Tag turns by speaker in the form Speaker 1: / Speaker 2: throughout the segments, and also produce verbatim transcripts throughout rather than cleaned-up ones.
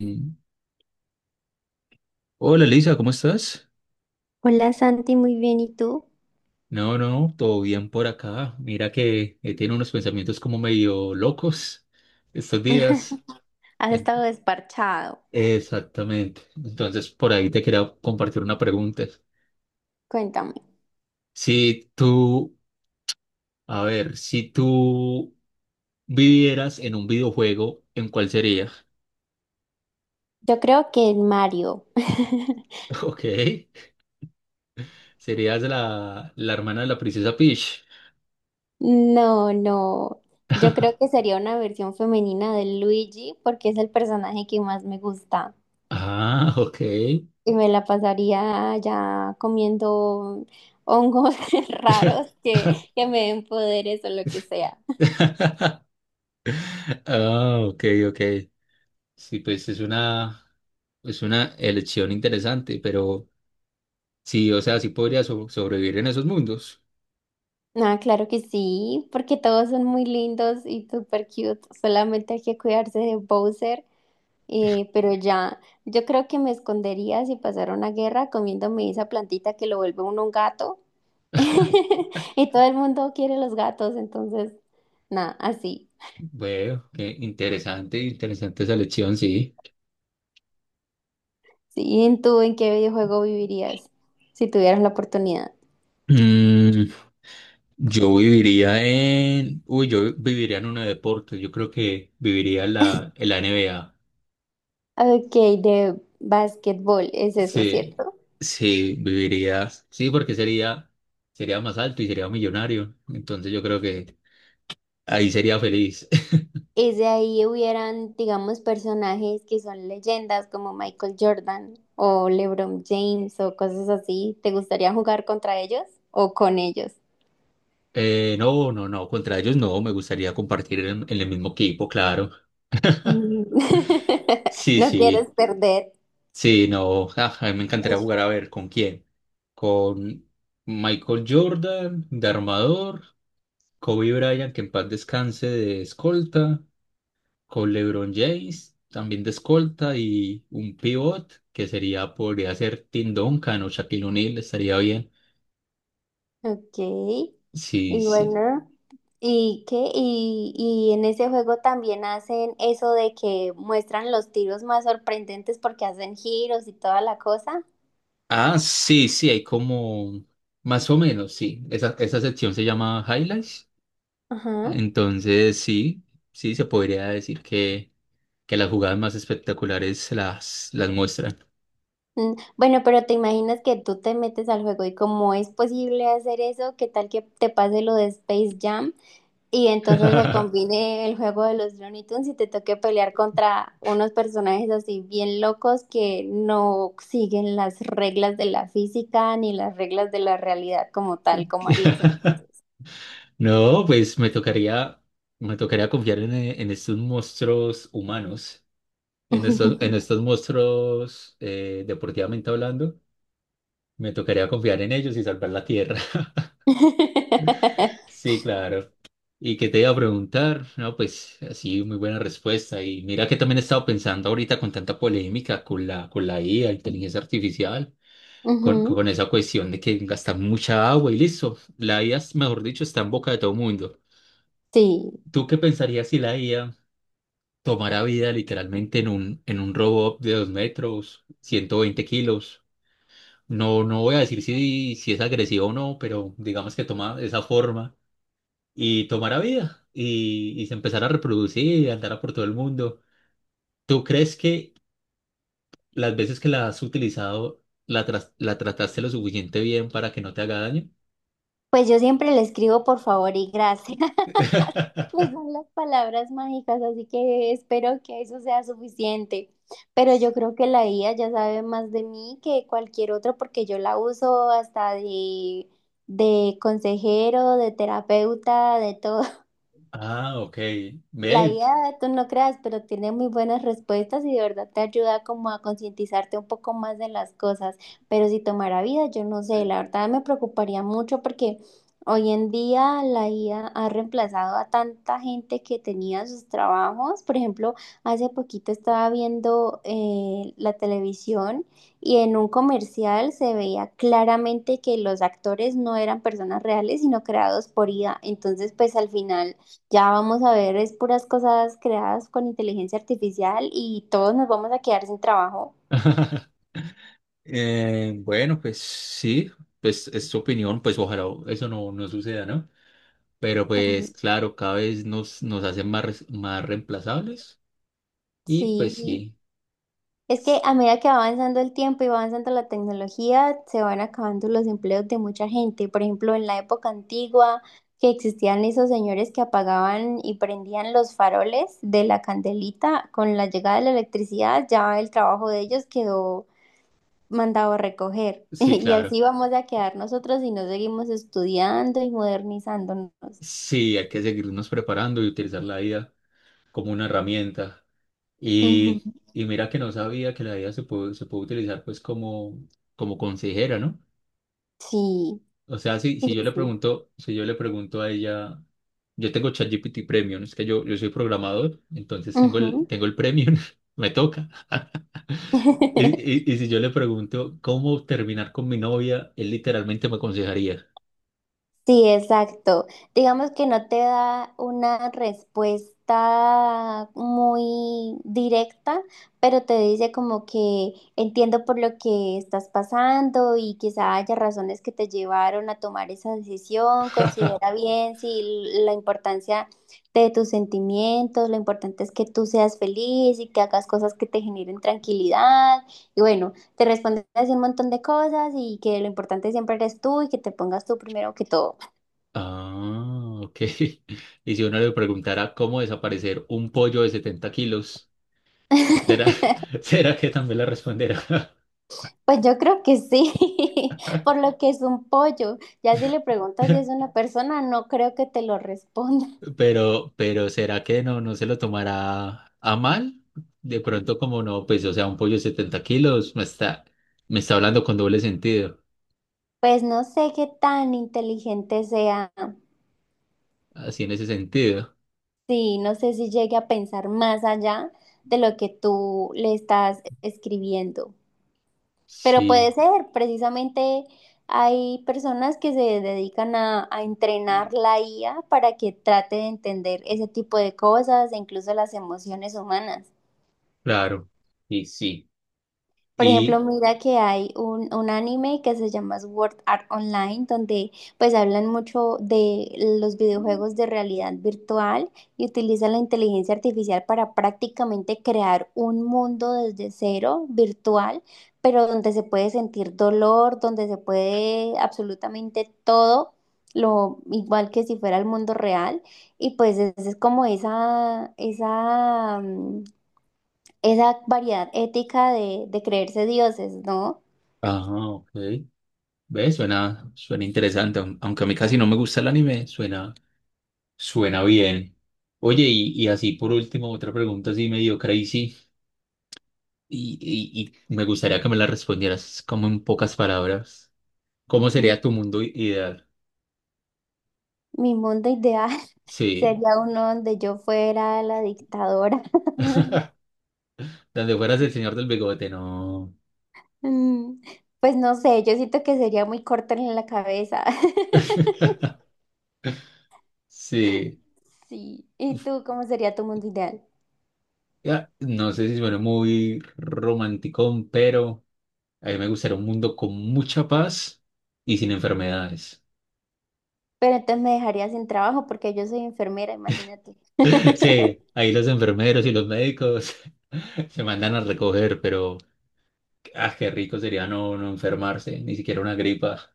Speaker 1: Mm. Hola Lisa, ¿cómo estás?
Speaker 2: Hola Santi, muy bien, ¿y tú?
Speaker 1: No, no, todo bien por acá. Mira que he tenido unos pensamientos como medio locos estos días.
Speaker 2: Has
Speaker 1: En-
Speaker 2: estado desparchado.
Speaker 1: Exactamente. Entonces, por ahí te quería compartir una pregunta.
Speaker 2: Cuéntame.
Speaker 1: Si tú, a ver, si tú vivieras en un videojuego, ¿en cuál sería?
Speaker 2: Yo creo que el Mario.
Speaker 1: Ok, serías la, la hermana de la princesa Peach.
Speaker 2: No, no. Yo creo que sería una versión femenina de Luigi porque es el personaje que más me gusta.
Speaker 1: Ah, ok.
Speaker 2: Y me la pasaría ya comiendo hongos raros que, que me den poderes o lo que sea.
Speaker 1: Ah, ok, ok. Sí, pues es una, es una elección interesante, pero sí, o sea, sí podría so- sobrevivir en esos mundos.
Speaker 2: Ah, claro que sí, porque todos son muy lindos y super cute. Solamente hay que cuidarse de Bowser. Eh, pero ya, yo creo que me escondería si pasara una guerra comiéndome esa plantita que lo vuelve uno un gato. Y todo el mundo quiere los gatos, entonces, nada, así.
Speaker 1: Bueno, qué interesante, interesante esa elección, sí.
Speaker 2: Sí, ¿y en tú en qué videojuego vivirías si tuvieras la oportunidad?
Speaker 1: Mm, yo viviría en, uy, yo viviría en uno de deportes, yo creo que viviría en la, en la N B A.
Speaker 2: Ok, de básquetbol, es eso,
Speaker 1: Sí,
Speaker 2: ¿cierto?
Speaker 1: sí, viviría, sí, porque sería, sería más alto y sería millonario, entonces yo creo que ahí sería feliz.
Speaker 2: Es de ahí hubieran, digamos, personajes que son leyendas como Michael Jordan o LeBron James o cosas así. ¿Te gustaría jugar contra ellos o con ellos?
Speaker 1: Eh, no, no, no, contra ellos no, me gustaría compartir en, en el mismo equipo, claro.
Speaker 2: Mm.
Speaker 1: Sí,
Speaker 2: No quieres
Speaker 1: sí,
Speaker 2: perder.
Speaker 1: sí, no, ah, a mí me encantaría jugar a ver con quién. Con Michael Jordan de armador, Kobe Bryant, que en paz descanse, de escolta, con LeBron James también de escolta y un pivot que sería, podría ser Tim Duncan o Shaquille O'Neal, estaría bien.
Speaker 2: Ok. Y
Speaker 1: Sí, sí.
Speaker 2: bueno, ¿y qué? Y, y en ese juego también hacen eso de que muestran los tiros más sorprendentes porque hacen giros y toda la cosa.
Speaker 1: Ah, sí, sí, hay como, más o menos, sí. Esa, esa sección se llama Highlights.
Speaker 2: Ajá.
Speaker 1: Entonces, sí, sí, se podría decir que, que las jugadas más espectaculares se las, las muestran.
Speaker 2: Mm, bueno, pero te imaginas que tú te metes al juego y como es posible hacer eso, ¿qué tal que te pase lo de Space Jam? Y entonces se combine el juego de los Looney Tunes y te toque pelear contra unos personajes así bien locos que no siguen las reglas de la física ni las reglas de la realidad como tal, como harías entonces.
Speaker 1: No, pues me tocaría, me tocaría confiar en, eh, en estos monstruos humanos, en estos, en estos monstruos, eh, deportivamente hablando. Me tocaría confiar en ellos y salvar la tierra. Sí, claro. ¿Y qué te iba a preguntar? No, pues así, muy buena respuesta. Y mira que también he estado pensando ahorita con tanta polémica con la, con la I A, inteligencia artificial, con,
Speaker 2: Ujú.
Speaker 1: con esa cuestión de que gastan mucha agua y listo. La I A, mejor dicho, está en boca de todo mundo.
Speaker 2: Sí,
Speaker 1: ¿Tú qué pensarías si la I A tomara vida literalmente en un, en un robot de dos metros, ciento veinte kilos? No, no voy a decir si, si es agresivo o no, pero digamos que toma esa forma y tomara vida y, y se empezara a reproducir y andara por todo el mundo. ¿Tú crees que las veces que la has utilizado la, tras- la trataste lo suficiente bien para que no te haga daño?
Speaker 2: pues yo siempre le escribo por favor y gracias. Pues son las palabras mágicas, así que espero que eso sea suficiente. Pero yo creo que la I A ya sabe más de mí que cualquier otro porque yo la uso hasta de, de consejero, de terapeuta, de todo.
Speaker 1: Ah, ok.
Speaker 2: La
Speaker 1: Ve.
Speaker 2: I A, tú no creas, pero tiene muy buenas respuestas y de verdad te ayuda como a concientizarte un poco más de las cosas. Pero si tomara vida, yo no sé, la verdad me preocuparía mucho porque hoy en día la I A ha reemplazado a tanta gente que tenía sus trabajos. Por ejemplo, hace poquito estaba viendo eh, la televisión y en un comercial se veía claramente que los actores no eran personas reales, sino creados por I A. Entonces, pues al final ya vamos a ver, es puras cosas creadas con inteligencia artificial y todos nos vamos a quedar sin trabajo.
Speaker 1: Eh, bueno, pues sí, pues es tu opinión, pues ojalá eso no, no suceda, ¿no? Pero pues
Speaker 2: Ujú.
Speaker 1: claro, cada vez nos, nos hacen más, res- más reemplazables y pues
Speaker 2: Sí,
Speaker 1: sí,
Speaker 2: es que
Speaker 1: s-
Speaker 2: a medida que va avanzando el tiempo y va avanzando la tecnología, se van acabando los empleos de mucha gente. Por ejemplo, en la época antigua, que existían esos señores que apagaban y prendían los faroles de la candelita, con la llegada de la electricidad, ya el trabajo de ellos quedó mandado recoger.
Speaker 1: sí,
Speaker 2: Y
Speaker 1: claro.
Speaker 2: así vamos a quedar nosotros si no seguimos estudiando y modernizándonos.
Speaker 1: Sí, hay que seguirnos preparando y utilizar la vida como una herramienta.
Speaker 2: Ujú.
Speaker 1: Y, y mira que no sabía que la I A se puede, se puede utilizar pues como, como consejera, ¿no?
Speaker 2: Sí,
Speaker 1: O sea, si,
Speaker 2: sí,
Speaker 1: si yo le
Speaker 2: sí.
Speaker 1: pregunto, si yo le pregunto a ella, yo tengo ChatGPT Premium, es que yo, yo soy programador, entonces tengo el,
Speaker 2: Ujú.
Speaker 1: tengo el Premium, me toca. Y, y, y si yo le pregunto cómo terminar con mi novia, él literalmente me aconsejaría.
Speaker 2: Sí, exacto. Digamos que no te da una respuesta muy directa, pero te dice como que entiendo por lo que estás pasando y quizá haya razones que te llevaron a tomar esa decisión. Considera bien si la importancia de tus sentimientos, lo importante es que tú seas feliz y que hagas cosas que te generen tranquilidad. Y bueno, te responde así un montón de cosas y que lo importante siempre eres tú y que te pongas tú primero que todo.
Speaker 1: Ah, ok. Y si uno le preguntara cómo desaparecer un pollo de setenta kilos, ¿Será, será que también la responderá?
Speaker 2: Pues yo creo que sí, por lo que es un pollo. Ya si le preguntas si es una persona, no creo que te lo responda.
Speaker 1: Pero, pero ¿será que no, no se lo tomará a mal? De pronto, como no, pues, o sea, un pollo de setenta kilos me está, me está hablando con doble sentido.
Speaker 2: Pues no sé qué tan inteligente sea.
Speaker 1: Así en ese sentido.
Speaker 2: Sí, no sé si llegue a pensar más allá de lo que tú le estás escribiendo. Pero puede
Speaker 1: Sí,
Speaker 2: ser, precisamente hay personas que se dedican a, a entrenar la I A para que trate de entender ese tipo de cosas e incluso las emociones humanas.
Speaker 1: claro. Y sí.
Speaker 2: Por ejemplo,
Speaker 1: Y,
Speaker 2: mira que hay un, un anime que se llama Sword Art Online, donde pues hablan mucho de los videojuegos de realidad virtual y utilizan la inteligencia artificial para prácticamente crear un mundo desde cero virtual, pero donde se puede sentir dolor, donde se puede absolutamente todo, lo igual que si fuera el mundo real. Y pues es, es como esa, esa, mm, esa variedad ética de, de creerse dioses, ¿no?
Speaker 1: ajá, ok. ¿Ves? Suena, suena interesante. aun- Aunque a mí casi no me gusta el anime, suena, suena bien. Oye, y, y así por último, otra pregunta así medio crazy. Y, y- y me gustaría que me la respondieras como en pocas palabras. ¿Cómo
Speaker 2: Ujú.
Speaker 1: sería tu mundo i- ideal?
Speaker 2: Mi mundo ideal
Speaker 1: Sí,
Speaker 2: sería uno donde yo fuera la dictadora.
Speaker 1: donde fueras el señor del bigote, no.
Speaker 2: Mm, pues no sé, yo siento que sería muy corta en la cabeza.
Speaker 1: Sí,
Speaker 2: Sí. ¿Y
Speaker 1: uf,
Speaker 2: tú cómo sería tu mundo ideal?
Speaker 1: ya, no sé si suena muy romántico, pero a mí me gustaría un mundo con mucha paz y sin enfermedades.
Speaker 2: Pero entonces me dejaría sin trabajo porque yo soy enfermera, imagínate.
Speaker 1: Sí, ahí los enfermeros y los médicos se mandan a recoger, pero ah, qué rico sería no, no enfermarse, ni siquiera una gripa.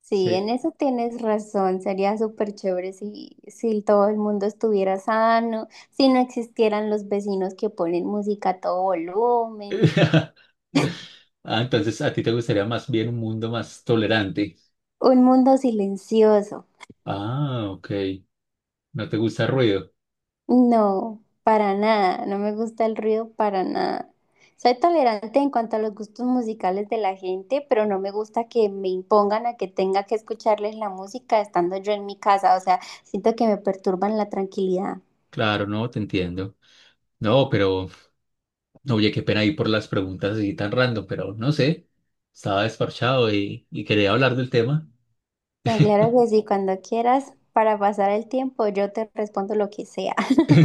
Speaker 2: Sí,
Speaker 1: Sí.
Speaker 2: en eso tienes razón. Sería súper chévere si, si todo el mundo estuviera sano, si no existieran los vecinos que ponen música a todo volumen.
Speaker 1: Ah, entonces a ti te gustaría más bien un mundo más tolerante.
Speaker 2: Un mundo silencioso.
Speaker 1: Ah, ok. No te gusta el ruido.
Speaker 2: No, para nada. No me gusta el ruido para nada. Soy tolerante en cuanto a los gustos musicales de la gente, pero no me gusta que me impongan a que tenga que escucharles la música estando yo en mi casa. O sea, siento que me perturban la tranquilidad.
Speaker 1: Claro, no, te entiendo. No, pero, no, oye, qué pena ir por las preguntas así tan random, pero no sé. Estaba desparchado y, y quería hablar del tema.
Speaker 2: No, claro que sí, cuando quieras, para pasar el tiempo, yo te respondo lo que sea.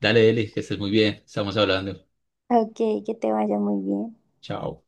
Speaker 1: Dale, Eli, que estés muy bien. Estamos hablando.
Speaker 2: Ok, que te vaya muy bien.
Speaker 1: Chao.